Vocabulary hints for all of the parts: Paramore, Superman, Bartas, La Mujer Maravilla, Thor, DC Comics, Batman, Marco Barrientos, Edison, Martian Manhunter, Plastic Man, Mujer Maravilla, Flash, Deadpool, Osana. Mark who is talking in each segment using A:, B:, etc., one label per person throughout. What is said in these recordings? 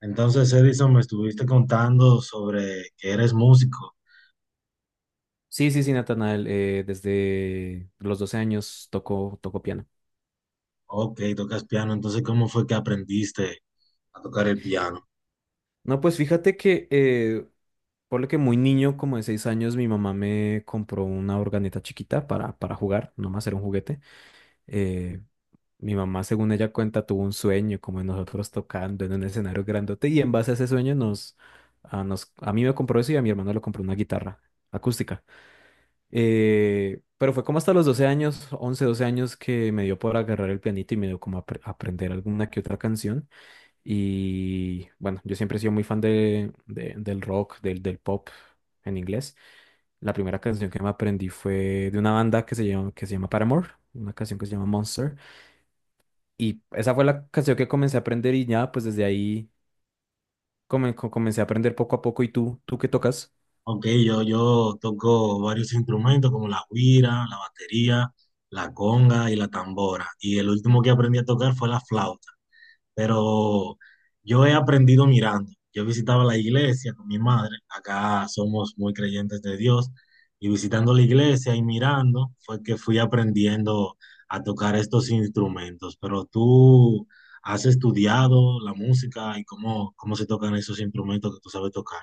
A: Entonces, Edison, me estuviste contando sobre que eres músico.
B: Sí, sí, sí, Natanael, desde los 12 años tocó piano.
A: Ok, tocas piano. Entonces, ¿cómo fue que aprendiste a tocar el piano?
B: No, pues fíjate que, por lo que muy niño, como de 6 años, mi mamá me compró una organeta chiquita para jugar, nomás era un juguete. Eh, Mi mamá, según ella cuenta, tuvo un sueño, como de nosotros tocando en un escenario grandote, y en base a ese sueño a mí me compró eso y a mi hermano le compró una guitarra acústica. Pero fue como hasta los 12 años, 11 12 años que me dio por agarrar el pianito y me dio como a aprender alguna que otra canción. Y bueno, yo siempre he sido muy fan del rock, del pop en inglés. La primera canción que me aprendí fue de una banda que se llama Paramore, una canción que se llama Monster. Y esa fue la canción que comencé a aprender y ya, pues desde ahí comencé a aprender poco a poco. ¿Y tú qué tocas?
A: Ok, yo toco varios instrumentos como la güira, la batería, la conga y la tambora. Y el último que aprendí a tocar fue la flauta. Pero yo he aprendido mirando. Yo visitaba la iglesia con mi madre, acá somos muy creyentes de Dios, y visitando la iglesia y mirando fue que fui aprendiendo a tocar estos instrumentos. Pero tú has estudiado la música y cómo se tocan esos instrumentos que tú sabes tocar.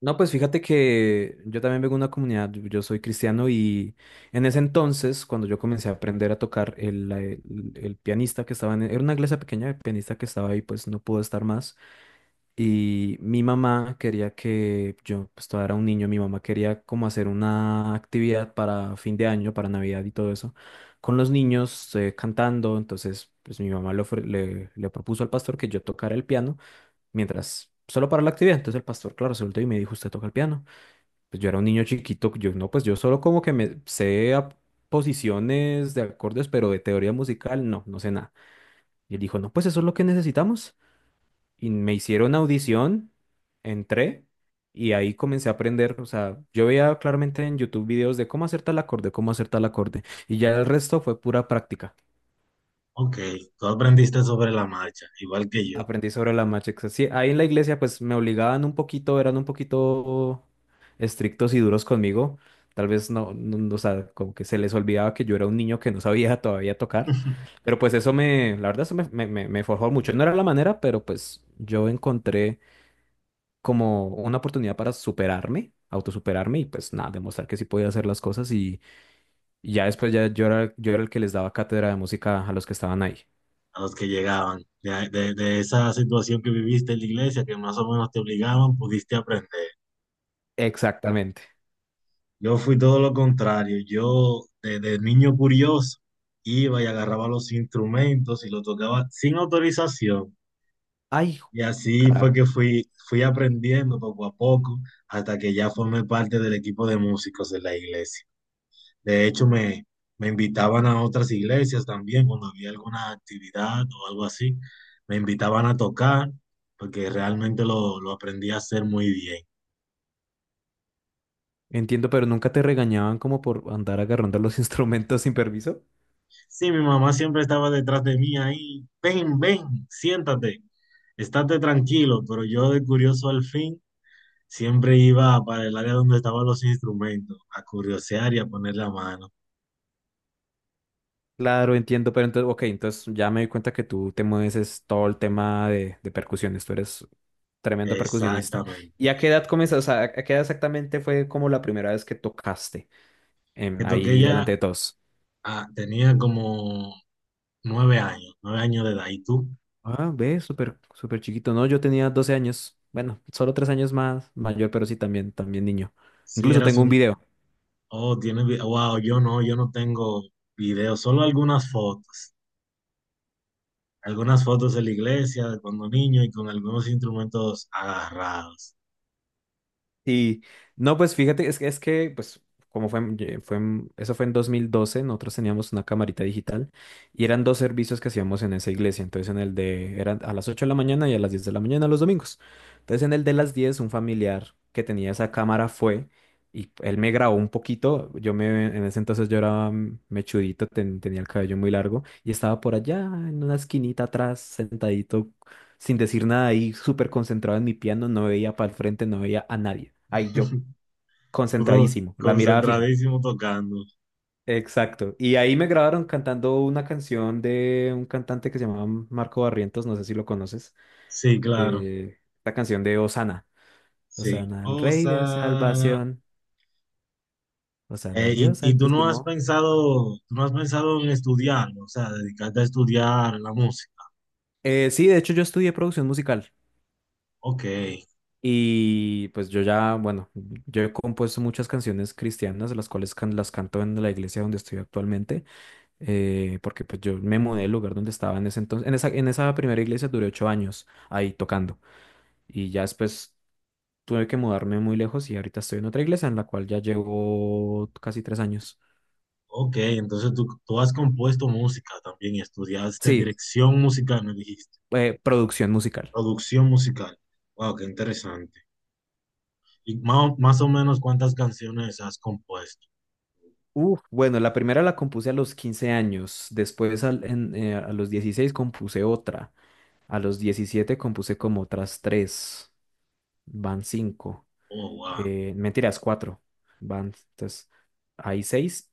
B: No, pues fíjate que yo también vengo de una comunidad, yo soy cristiano y en ese entonces, cuando yo comencé a aprender a tocar, el pianista que estaba en, era una iglesia pequeña, el pianista que estaba ahí pues no pudo estar más, y mi mamá quería que, yo pues todavía era un niño, mi mamá quería como hacer una actividad para fin de año, para Navidad y todo eso, con los niños, cantando, entonces pues mi mamá le, ofre- le le propuso al pastor que yo tocara el piano mientras, solo para la actividad, entonces el pastor, claro, se volteó y me dijo, ¿usted toca el piano? Pues yo era un niño chiquito, yo no, pues yo solo como que me sé a posiciones de acordes, pero de teoría musical, no, no sé nada. Y él dijo, no, pues eso es lo que necesitamos. Y me hicieron audición, entré y ahí comencé a aprender. O sea, yo veía claramente en YouTube videos de cómo hacer tal acorde, cómo hacer tal acorde. Y ya el resto fue pura práctica.
A: Ok, tú aprendiste sobre la marcha, igual que yo.
B: Aprendí sobre la marcha. Sí, ahí en la iglesia pues me obligaban un poquito, eran un poquito estrictos y duros conmigo. Tal vez no, no, no, o sea, como que se les olvidaba que yo era un niño que no sabía todavía tocar. Pero pues eso me, la verdad, eso me forjó mucho. No era la manera, pero pues yo encontré como una oportunidad para superarme, autosuperarme y pues nada, demostrar que sí podía hacer las cosas. Y ya después ya yo era el que les daba cátedra de música a los que estaban ahí.
A: A los que llegaban. De esa situación que viviste en la iglesia, que más o menos te obligaban, pudiste aprender.
B: Exactamente.
A: Yo fui todo lo contrario. Yo, desde niño curioso, iba y agarraba los instrumentos y los tocaba sin autorización.
B: Ay,
A: Y así fue que
B: carajo.
A: fui aprendiendo poco a poco hasta que ya formé parte del equipo de músicos de la iglesia. De hecho, me invitaban a otras iglesias también cuando había alguna actividad o algo así. Me invitaban a tocar porque realmente lo aprendí a hacer muy bien.
B: Entiendo, pero nunca te regañaban como por andar agarrando los instrumentos sin permiso.
A: Sí, mi mamá siempre estaba detrás de mí ahí. Ven, ven, siéntate, estate tranquilo. Pero yo de curioso al fin siempre iba para el área donde estaban los instrumentos, a curiosear y a poner la mano.
B: Claro, entiendo, pero entonces, ok, entonces ya me di cuenta que tú te mueves es todo el tema de percusiones, tú eres tremendo percusionista.
A: Exactamente.
B: ¿Y a qué edad comenzaste? O sea, ¿a qué edad exactamente fue como la primera vez que tocaste
A: Que toqué
B: ahí
A: ya,
B: delante de todos?
A: ah, tenía como 9 años, 9 años de edad. ¿Y tú?
B: Ah, ve, súper, súper chiquito. No, yo tenía 12 años. Bueno, solo 3 años más mayor, pero sí también, también niño.
A: Sí,
B: Incluso
A: eras
B: tengo un
A: un...
B: video.
A: Oh, tienes... Wow, yo no tengo videos, solo algunas fotos. Algunas fotos de la iglesia, de cuando niño y con algunos instrumentos agarrados.
B: Y no, pues fíjate, es que pues como fue, en- ye- fue, en- eso fue en 2012, nosotros teníamos una camarita digital y eran dos servicios que hacíamos en esa iglesia. Entonces eran a las 8 de la mañana y a las 10 de la mañana los domingos. Entonces en el de las 10 un familiar que tenía esa cámara fue y él me grabó un poquito. En ese entonces yo era mechudito, tenía el cabello muy largo y estaba por allá en una esquinita atrás, sentadito sin decir nada ahí, súper concentrado en mi piano, no veía para el frente, no veía a nadie. Ahí yo,
A: Puto
B: concentradísimo, la mirada fija.
A: concentradísimo tocando.
B: Exacto. Y ahí me grabaron cantando una canción de un cantante que se llamaba Marco Barrientos, no sé si lo conoces,
A: Sí, claro.
B: eh, la canción de Osana.
A: Sí.
B: Osana al Rey de
A: Osana.
B: Salvación, Osana al
A: Y,
B: Dios
A: tú no has
B: Altísimo.
A: pensado, tú no has pensado en estudiarlo, o sea, dedicarte a estudiar la música.
B: Sí, de hecho yo estudié producción musical
A: Ok,
B: y pues yo ya, bueno, yo he compuesto muchas canciones cristianas, las cuales las canto en la iglesia donde estoy actualmente. Porque pues yo me mudé del lugar donde estaba en ese entonces, en esa primera iglesia duré 8 años ahí tocando y ya después tuve que mudarme muy lejos y ahorita estoy en otra iglesia en la cual ya llevo casi 3 años.
A: ok. Entonces tú has compuesto música también y estudiaste
B: Sí,
A: dirección musical, me dijiste.
B: producción musical.
A: Producción musical. Wow, qué interesante. Y más, o- más o menos cuántas canciones has compuesto.
B: Uf, bueno, la primera la compuse a los 15 años, después a los 16 compuse otra, a los 17 compuse como otras tres, van cinco,
A: Oh, wow.
B: mentiras, cuatro, van, entonces, hay seis.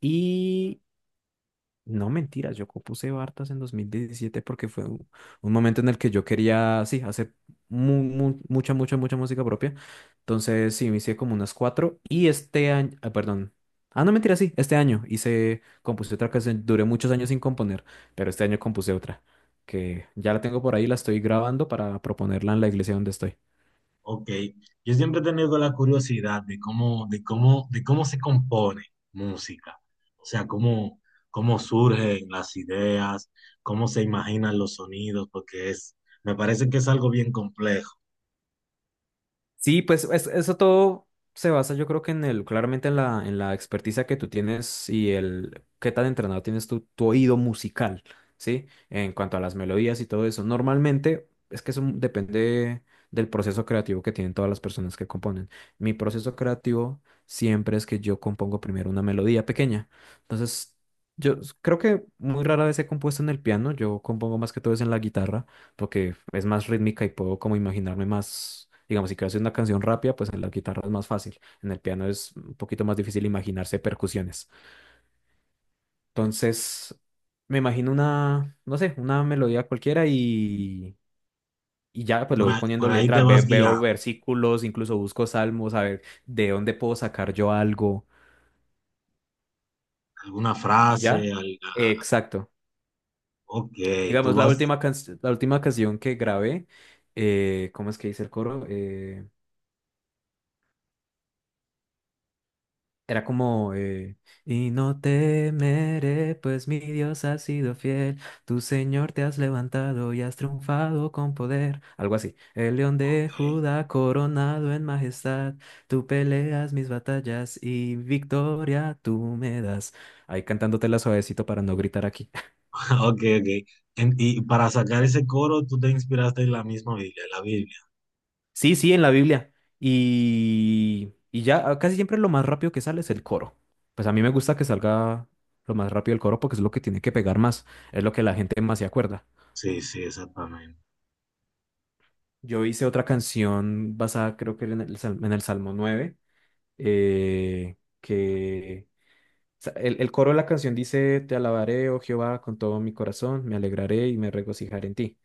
B: No mentiras, yo compuse Bartas en 2017 porque fue un momento en el que yo quería, sí, hacer mucha, mucha, mucha música propia. Entonces, sí, me hice como unas cuatro y este año, ah, perdón. Ah, no, mentira, sí, este año hice, compuse otra canción, duré muchos años sin componer, pero este año compuse otra, que ya la tengo por ahí, la estoy grabando para proponerla en la iglesia donde estoy.
A: Ok, yo siempre he tenido la curiosidad de cómo, de cómo se compone música, o sea, cómo, cómo surgen las ideas, cómo se imaginan los sonidos, porque es, me parece que es algo bien complejo.
B: Sí, pues eso todo se basa, yo creo que claramente en en la experticia que tú tienes y el qué tan entrenado tienes tu oído musical, ¿sí? En cuanto a las melodías y todo eso. Normalmente es que eso depende del proceso creativo que tienen todas las personas que componen. Mi proceso creativo siempre es que yo compongo primero una melodía pequeña. Entonces, creo que muy rara vez he compuesto en el piano, yo compongo más que todo es en la guitarra porque es más rítmica y puedo como imaginarme más, digamos, si quiero hacer una canción rápida, pues en la guitarra es más fácil, en el piano es un poquito más difícil imaginarse percusiones. Entonces, me imagino una, no sé, una melodía cualquiera y ya
A: Y
B: pues le voy
A: por
B: poniendo
A: ahí te
B: letra,
A: vas
B: veo
A: guiando,
B: versículos, incluso busco salmos, a ver de dónde puedo sacar yo algo
A: alguna
B: y
A: frase,
B: ya.
A: al,
B: Exacto.
A: ok, tú
B: Digamos,
A: vas,
B: la última canción que grabé, ¿cómo es que dice el coro? Era como, y no temeré, pues mi Dios ha sido fiel, tu Señor te has levantado y has triunfado con poder, algo así. El león de Judá coronado en majestad, tú peleas mis batallas y victoria tú me das. Ahí cantándotela suavecito para no gritar aquí.
A: ok, ok. Ok. En- y para sacar ese coro, tú te inspiraste en la misma Biblia, la Biblia.
B: Sí, sí, en la Biblia. Y ya casi siempre lo más rápido que sale es el coro. Pues a mí me gusta que salga lo más rápido el coro porque es lo que tiene que pegar más, es lo que la gente más se acuerda.
A: Sí, sí, exactamente.
B: Yo hice otra canción basada creo que era en el Salmo 9, que o sea, el coro de la canción dice, Te alabaré, oh Jehová, con todo mi corazón, me alegraré y me regocijaré en ti.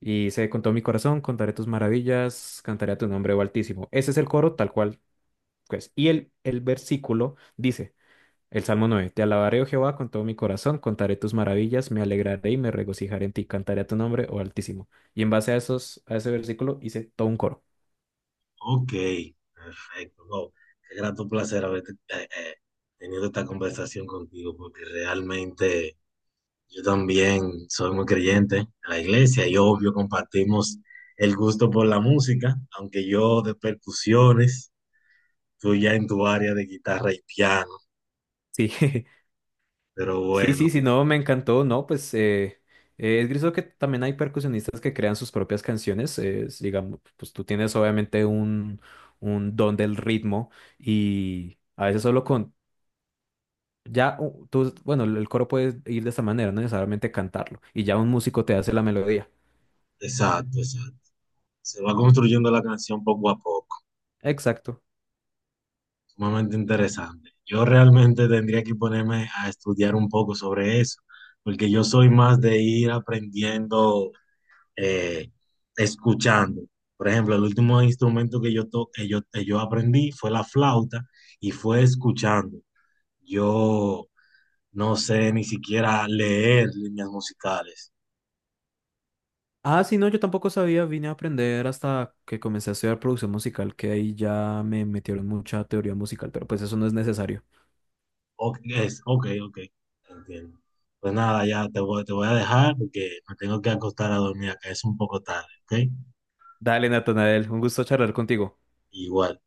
B: Y dice, con todo mi corazón, contaré tus maravillas, cantaré a tu nombre, oh Altísimo. Ese es el coro tal cual. Pues, y el versículo dice, el Salmo 9, Te alabaré, oh Jehová, con todo mi corazón, contaré tus maravillas, me alegraré y me regocijaré en ti, cantaré a tu nombre, oh Altísimo. Y en base a esos, a ese versículo hice todo un coro.
A: Ok, perfecto. No, qué grato placer haber eh, eh, tenido esta conversación contigo, porque realmente yo también soy muy creyente en la iglesia y obvio compartimos el gusto por la música, aunque yo de percusiones, tú ya en tu área de guitarra y piano,
B: Sí,
A: pero
B: sí,
A: bueno,
B: sí, sí, no, me encantó, no, pues es griso que también hay percusionistas que crean sus propias canciones, digamos, pues tú tienes obviamente un don del ritmo y... A veces solo con, Ya tú, bueno, el coro puede ir de esta manera, no necesariamente cantarlo, y ya un músico te hace la melodía.
A: exacto, exacto. Se va construyendo la canción poco a poco.
B: Exacto.
A: Sumamente interesante. Yo realmente tendría que ponerme a estudiar un poco sobre eso, porque yo soy más de ir aprendiendo, eh, escuchando. Por ejemplo, el último instrumento que que que yo aprendí fue la flauta y fue escuchando. Yo no sé ni siquiera leer líneas musicales.
B: Ah, sí, no, yo tampoco sabía, vine a aprender hasta que comencé a estudiar producción musical, que ahí ya me metieron mucha teoría musical, pero pues eso no es necesario.
A: Ok, es, ok, ok, entiendo. Pues nada, ya te voy a dejar porque me tengo que acostar a dormir acá, es un poco tarde, ¿ok?
B: Dale, Natanael, un gusto charlar contigo.
A: Igual.